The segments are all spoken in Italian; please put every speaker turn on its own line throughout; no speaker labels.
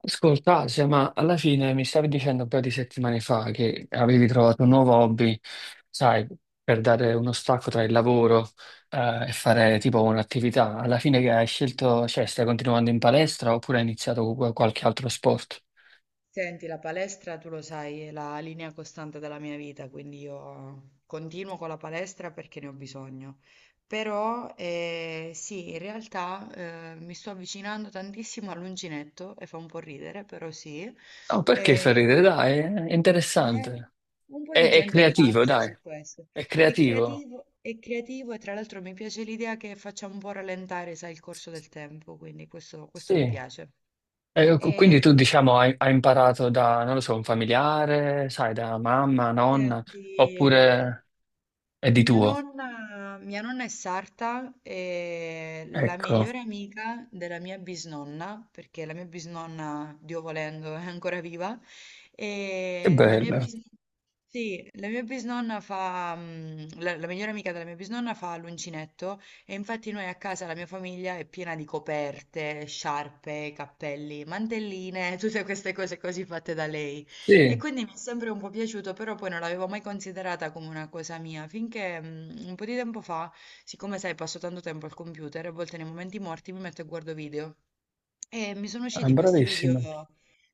Ascolta, Asia, ma alla fine mi stavi dicendo un paio di settimane fa che avevi trovato un nuovo hobby, sai, per dare uno stacco tra il lavoro, e fare tipo un'attività. Alla fine che hai scelto, cioè stai continuando in palestra oppure hai iniziato qualche altro sport?
Senti, la palestra, tu lo sai, è la linea costante della mia vita, quindi io continuo con la palestra perché ne ho bisogno. Però sì, in realtà mi sto avvicinando tantissimo all'uncinetto e fa un po' ridere, però sì.
No, perché
Eh,
fa ridere, dai, è
eh,
interessante.
un po'
È,
di
è
gente
creativo,
ridacchia
dai,
su questo.
è creativo.
È creativo e tra l'altro mi piace l'idea che faccia un po' rallentare, sai, il corso del tempo, quindi questo
Sì.
questo mi piace.
E quindi tu,
E
diciamo, hai imparato da, non lo so, un familiare, sai, da mamma, nonna,
senti,
oppure è di
Mia
tuo?
nonna, mia nonna è sarta e la
Ecco,
migliore amica della mia bisnonna, perché la mia bisnonna, Dio volendo, è ancora viva,
che
e la mia
bello.
bisnonna, sì, la migliore amica della mia bisnonna fa l'uncinetto e infatti noi a casa, la mia famiglia è piena di coperte, sciarpe, cappelli, mantelline, tutte queste cose così fatte da lei.
Sì,
E quindi mi è sempre un po' piaciuto, però poi non l'avevo mai considerata come una cosa mia, finché un po' di tempo fa, siccome sai, passo tanto tempo al computer, a volte nei momenti morti mi metto e guardo video. E mi sono usciti questi video,
bravissimo.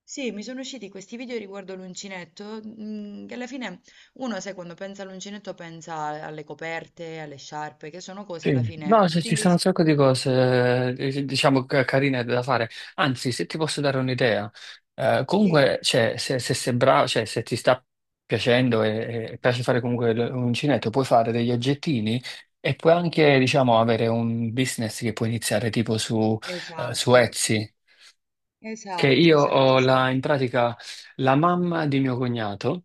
sì, mi sono usciti questi video riguardo l'uncinetto, che alla fine uno, sai, quando pensa all'uncinetto pensa alle coperte, alle sciarpe, che sono cose alla
Sì.
fine
No, se ci
utili.
sono un sacco di cose, diciamo, carine da fare. Anzi, se ti posso dare un'idea,
Sì,
comunque, cioè, se sei bravo, cioè, se ti sta piacendo e, piace fare comunque l'uncinetto, puoi fare degli oggettini e puoi anche, diciamo, avere un business che puoi iniziare tipo su, su
esatto,
Etsy. Che
esatto,
io
esatto,
ho
esatto.
la, in pratica la mamma di mio cognato.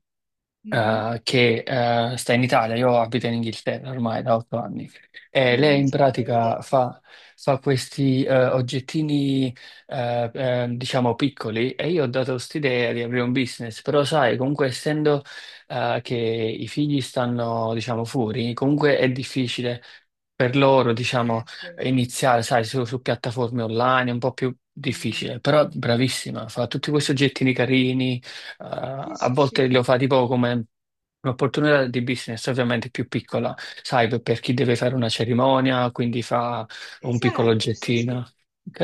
Mhm,
Che sta in Italia, io abito in Inghilterra ormai da 8 anni, e lei
mhm,
in
sì, me l'avevi
pratica
detto.
fa questi oggettini, diciamo, piccoli, e io ho dato quest'idea di aprire un business, però sai, comunque essendo che i figli stanno, diciamo, fuori, comunque è difficile per loro, diciamo,
Certo.
iniziare, sai, su, piattaforme online, è un po' più
Mh.
difficile, però bravissima, fa tutti questi oggettini carini,
Sì,
a
sì,
volte
sì.
lo fa tipo come un'opportunità di business, ovviamente più piccola, sai, per chi deve fare una cerimonia, quindi fa un piccolo
Esatto, sì,
oggettino.
sì.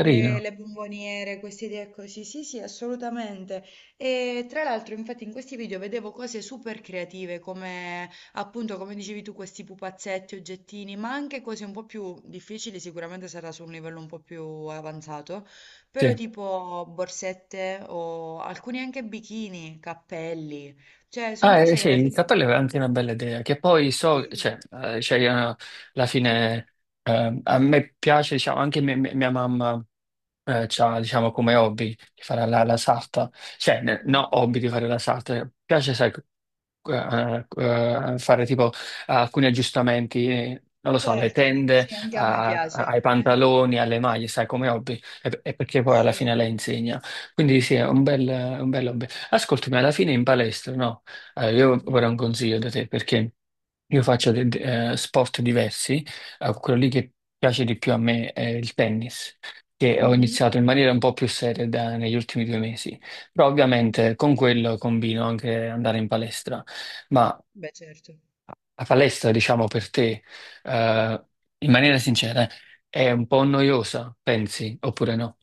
Le le bomboniere, queste idee così. Sì, sì, assolutamente. E tra l'altro, infatti, in questi video vedevo cose super creative, come appunto, come dicevi tu, questi pupazzetti, oggettini, ma anche cose un po' più difficili, sicuramente sarà su un livello un po' più avanzato, però
sì.
tipo borsette o alcuni anche bikini, cappelli. Cioè, sono
Ah,
cose che
sì,
alla
il
fine.
cappello è anche una bella idea, che poi so,
Sì.
cioè, cioè, alla fine, a me piace, diciamo, anche mia mamma. C'ha, diciamo, come hobby di fare la sarta, cioè, no, hobby di fare la sarta, piace, sai, fare tipo alcuni aggiustamenti, non lo so, alle
Certo,
tende,
sì, anche a me piace.
ai pantaloni, alle maglie, sai, come hobby, e, perché poi alla
Sì.
fine lei insegna. Quindi sì, è un bel hobby. Ascoltami, alla fine in palestra, no? Io
Mh-mh.
vorrei un consiglio da te, perché io faccio sport diversi, quello lì che piace di più a me è il tennis che ho
Mh-mh.
iniziato in maniera un po' più seria negli ultimi 2 mesi. Però ovviamente
Mh-mh.
con quello combino anche andare in palestra. Ma
Beh, certo.
la palestra, diciamo per te, eh, in maniera sincera, è un po' noiosa, pensi, oppure no?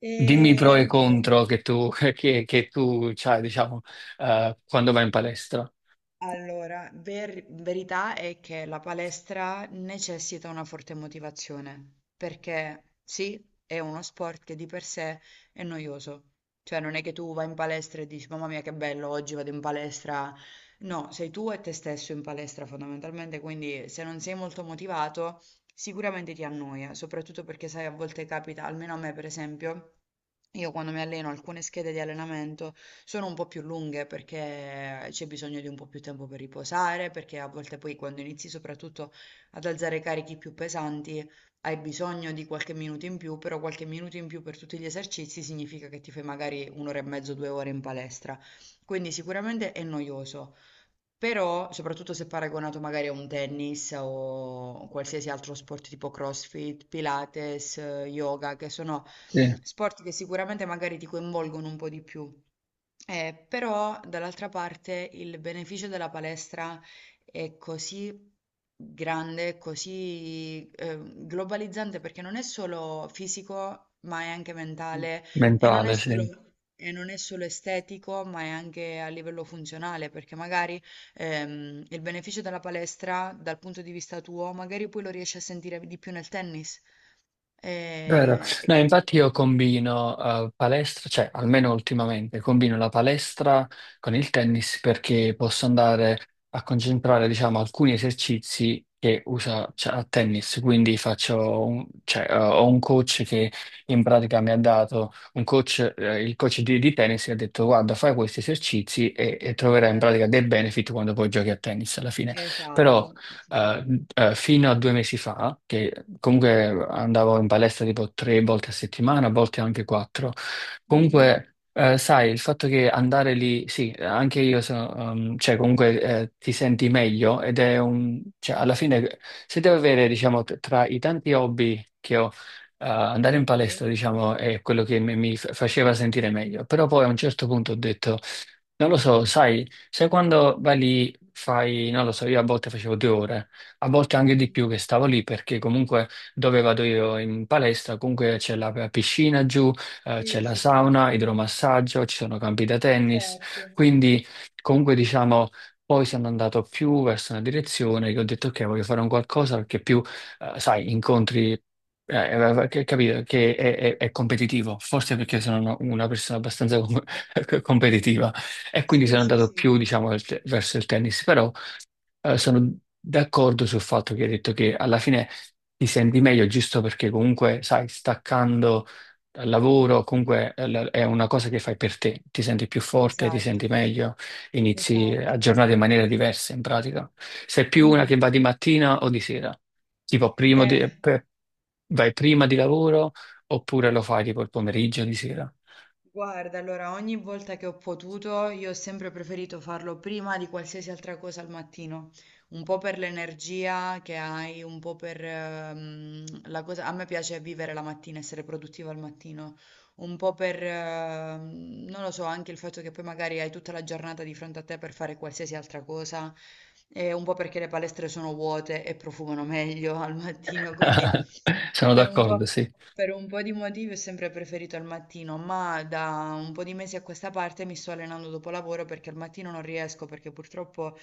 E
Dimmi i pro e i
allora
contro che tu, che tu c'hai, diciamo, quando vai in palestra.
Allora, verità è che la palestra necessita una forte motivazione, perché sì, è uno sport che di per sé è noioso. Cioè, non è che tu vai in palestra e dici, mamma mia, che bello, oggi vado in palestra. No, sei tu e te stesso in palestra fondamentalmente, quindi se non sei molto motivato, sicuramente ti annoia, soprattutto perché sai, a volte capita, almeno a me per esempio, io quando mi alleno alcune schede di allenamento, sono un po' più lunghe perché c'è bisogno di un po' più tempo per riposare, perché a volte poi quando inizi soprattutto ad alzare carichi più pesanti hai bisogno di qualche minuto in più, però qualche minuto in più per tutti gli esercizi significa che ti fai magari un'ora e mezzo, due ore in palestra. Quindi sicuramente è noioso. Però, soprattutto se paragonato magari a un tennis o qualsiasi altro sport tipo CrossFit, Pilates, yoga, che sono
Sì,
sport che sicuramente magari ti coinvolgono un po' di più. Però, dall'altra parte, il beneficio della palestra è così grande, così globalizzante, perché non è solo fisico, ma è anche mentale e non è
mentale,
solo
sì.
e non è solo estetico, ma è anche a livello funzionale, perché magari il beneficio della palestra, dal punto di vista tuo, magari poi lo riesci a sentire di più nel tennis.
Vero.
Eh, e-
No, infatti io combino palestra, cioè almeno ultimamente, combino la palestra con il tennis perché posso andare a concentrare, diciamo, alcuni esercizi che usa, cioè, a tennis. Quindi faccio un, cioè, ho un coach che in pratica mi ha dato un coach, il coach di tennis, e ha detto: guarda, fai questi esercizi e, troverai in
eh,
pratica dei benefit quando poi giochi a tennis alla fine.
esatto,
Però eh,
esatto.
fino a 2 mesi fa, che comunque andavo in palestra tipo 3 volte a settimana, a volte anche quattro.
Mhm,
Comunque, sai, il fatto che andare lì, sì, anche io sono, cioè comunque ti senti meglio ed è un, cioè alla fine se devo avere, diciamo, tra i tanti hobby che ho, andare in palestra,
sì,
diciamo, è quello che faceva sentire meglio. Però poi a un certo punto ho detto non lo so, sai, quando vai lì, fai, non lo so, io a volte facevo 2 ore, a volte anche di
mhm,
più che stavo lì perché comunque dove vado io in palestra, comunque c'è la piscina giù, c'è
sì,
la
sì, sì,
sauna, idromassaggio, ci sono campi da tennis,
certo.
quindi comunque diciamo, poi sono andato più verso una direzione che ho detto ok, voglio fare un qualcosa perché più, sai, incontri... che, capito, che è competitivo, forse perché sono una persona abbastanza competitiva. E quindi
Sì,
sono
sì,
andato
sì,
più, diciamo, verso il tennis, però sono d'accordo sul fatto che hai detto che alla fine ti senti meglio giusto perché comunque, sai, staccando dal
mm.
lavoro, comunque è una cosa che fai per te, ti senti più forte, ti
Esatto,
senti meglio, inizi a
esatto.
giornata in maniera diversa in pratica. Sei più una
Mhm.
che va di mattina o di sera, tipo
Eh,
vai prima di lavoro oppure lo fai tipo il pomeriggio di sera.
Guarda, allora ogni volta che ho potuto, io ho sempre preferito farlo prima di qualsiasi altra cosa al mattino, un po' per l'energia che hai, un po' per la cosa... A me piace vivere la mattina, essere produttiva al mattino, un po' per, non lo so, anche il fatto che poi magari hai tutta la giornata di fronte a te per fare qualsiasi altra cosa, e un po' perché le palestre sono vuote e profumano meglio al mattino, quindi...
Sono
Per un
d'accordo,
po',
sì.
per un po' di motivi ho sempre preferito il mattino, ma da un po' di mesi a questa parte mi sto allenando dopo lavoro perché al mattino non riesco, perché purtroppo,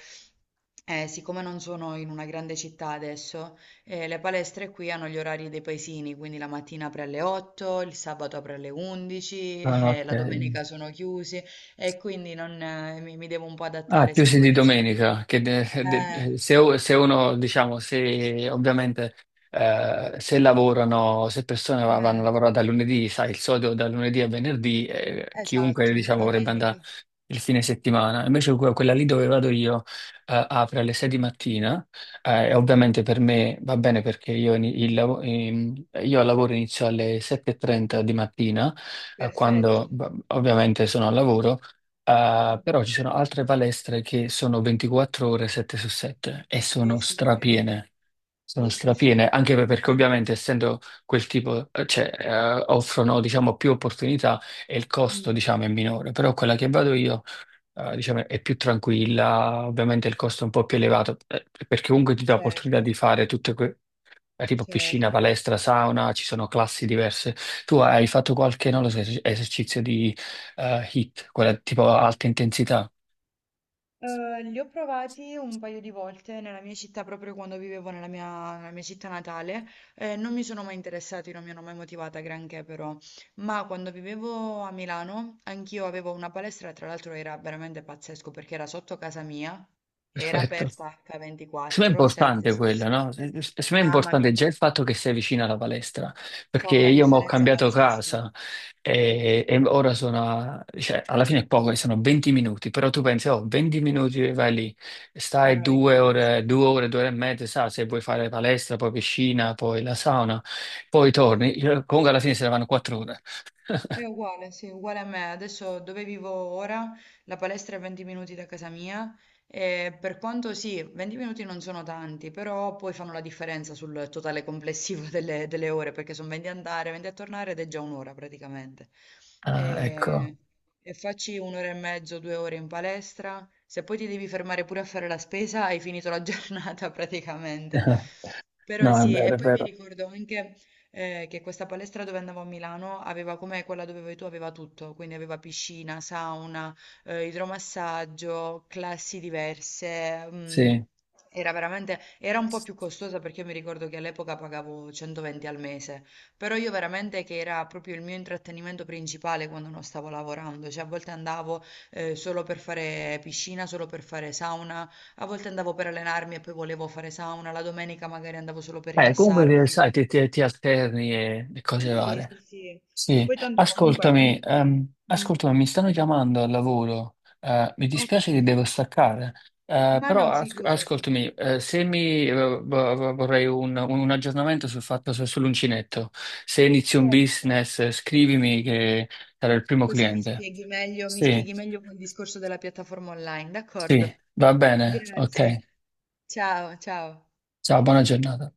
siccome non sono in una grande città adesso, le palestre qui hanno gli orari dei paesini, quindi la mattina apre alle 8, il sabato apre alle 11,
Ah,
la
ok.
domenica sono chiusi e quindi non, mi devo un po'
Ah,
adattare,
chiusi
siccome...
di domenica, che
Eh,
se uno, diciamo, se ovviamente se lavorano, se persone vanno a
eh,
lavorare da lunedì, sai, il solito da lunedì a venerdì, chiunque,
esatto, la
diciamo, vorrebbe andare
domenica.
il fine settimana. Invece quella lì dove vado io apre alle 6 di mattina e
Che bello.
ovviamente per me va bene perché io al lavoro inizio alle 7:30 di mattina, quando
Perfetto. Mh.
ovviamente sono al lavoro. Ah,
Mh-mh.
però ci sono altre palestre che sono 24 ore 7 su 7 e
Sì,
sono
sì, sì.
strapiene. Sono
Sì, sì, sì.
strapiene, anche perché
Allo
ovviamente essendo quel tipo, cioè, offrono, diciamo, più opportunità e il costo,
mh,
diciamo, è minore. Però quella che vado io diciamo, è più tranquilla, ovviamente il costo è un po' più elevato, perché comunque ti dà l'opportunità
certo,
di fare tutte tipo piscina,
certo.
palestra, sauna, ci sono classi diverse. Tu hai fatto qualche, non lo so, esercizio di hit, quella tipo alta intensità?
Li ho provati un paio di volte nella mia città, proprio quando vivevo nella mia città natale, e non mi sono mai interessati, non mi hanno mai motivata granché però. Ma quando vivevo a Milano, anch'io avevo una palestra, tra l'altro era veramente pazzesco perché era sotto casa mia, era
Perfetto.
aperta
Secondo me è
H24, 7
importante
su
quello, no?
7.
Secondo me è
Mamma
importante
mia.
già il fatto che sei vicino alla palestra,
Fa
perché
una
io mi ho
differenza
cambiato
pazzesca,
casa e, ora sono, cioè, alla fine è poco, sono 20 minuti, però tu pensi, oh, 20 minuti vai lì,
fanno
stai
la
due
differenza.
ore, due ore, due ore e mezza, sa, se vuoi fare palestra, poi piscina, poi la sauna, poi
Sì.
torni, comunque alla fine se ne vanno 4 ore.
È uguale, sì, uguale a me. Adesso dove vivo ora, la palestra è 20 minuti da casa mia e per quanto sì, 20 minuti non sono tanti, però poi fanno la differenza sul totale complessivo delle ore, perché sono 20 a andare, 20 a tornare ed è già un'ora praticamente.
Ah, ecco.
E, e facci un'ora e mezzo, due ore in palestra. Se poi ti devi fermare pure a fare la spesa, hai finito la giornata praticamente. Però
No, è
sì,
vero,
e
è
poi mi
vero.
ricordo anche che questa palestra dove andavo a Milano aveva come quella dove vai tu, aveva tutto, quindi aveva piscina, sauna, idromassaggio, classi diverse.
Sì.
Era veramente, era un po' più costosa perché io mi ricordo che all'epoca pagavo 120 al mese, però io veramente che era proprio il mio intrattenimento principale quando non stavo lavorando, cioè a volte andavo solo per fare piscina, solo per fare sauna, a volte andavo per allenarmi e poi volevo fare sauna, la domenica magari andavo solo per
Comunque,
rilassarmi.
sai, ti alterni e, cose
Sì,
varie.
sì, sì.
Sì,
Poi tanto comunque
ascoltami,
avendo... Mm,
mi stanno chiamando al lavoro, mi
ok,
dispiace che devo staccare,
ma
però
no, figurati.
ascoltami, se mi vo- vo- vorrei un aggiornamento sul fatto sull'uncinetto, se inizi un
Certo.
business scrivimi che sarò il primo
Così
cliente.
mi
Sì,
spieghi meglio quel discorso della piattaforma online,
sì,
d'accordo?
va bene, ok,
Grazie. Ciao, ciao.
ciao, buona giornata.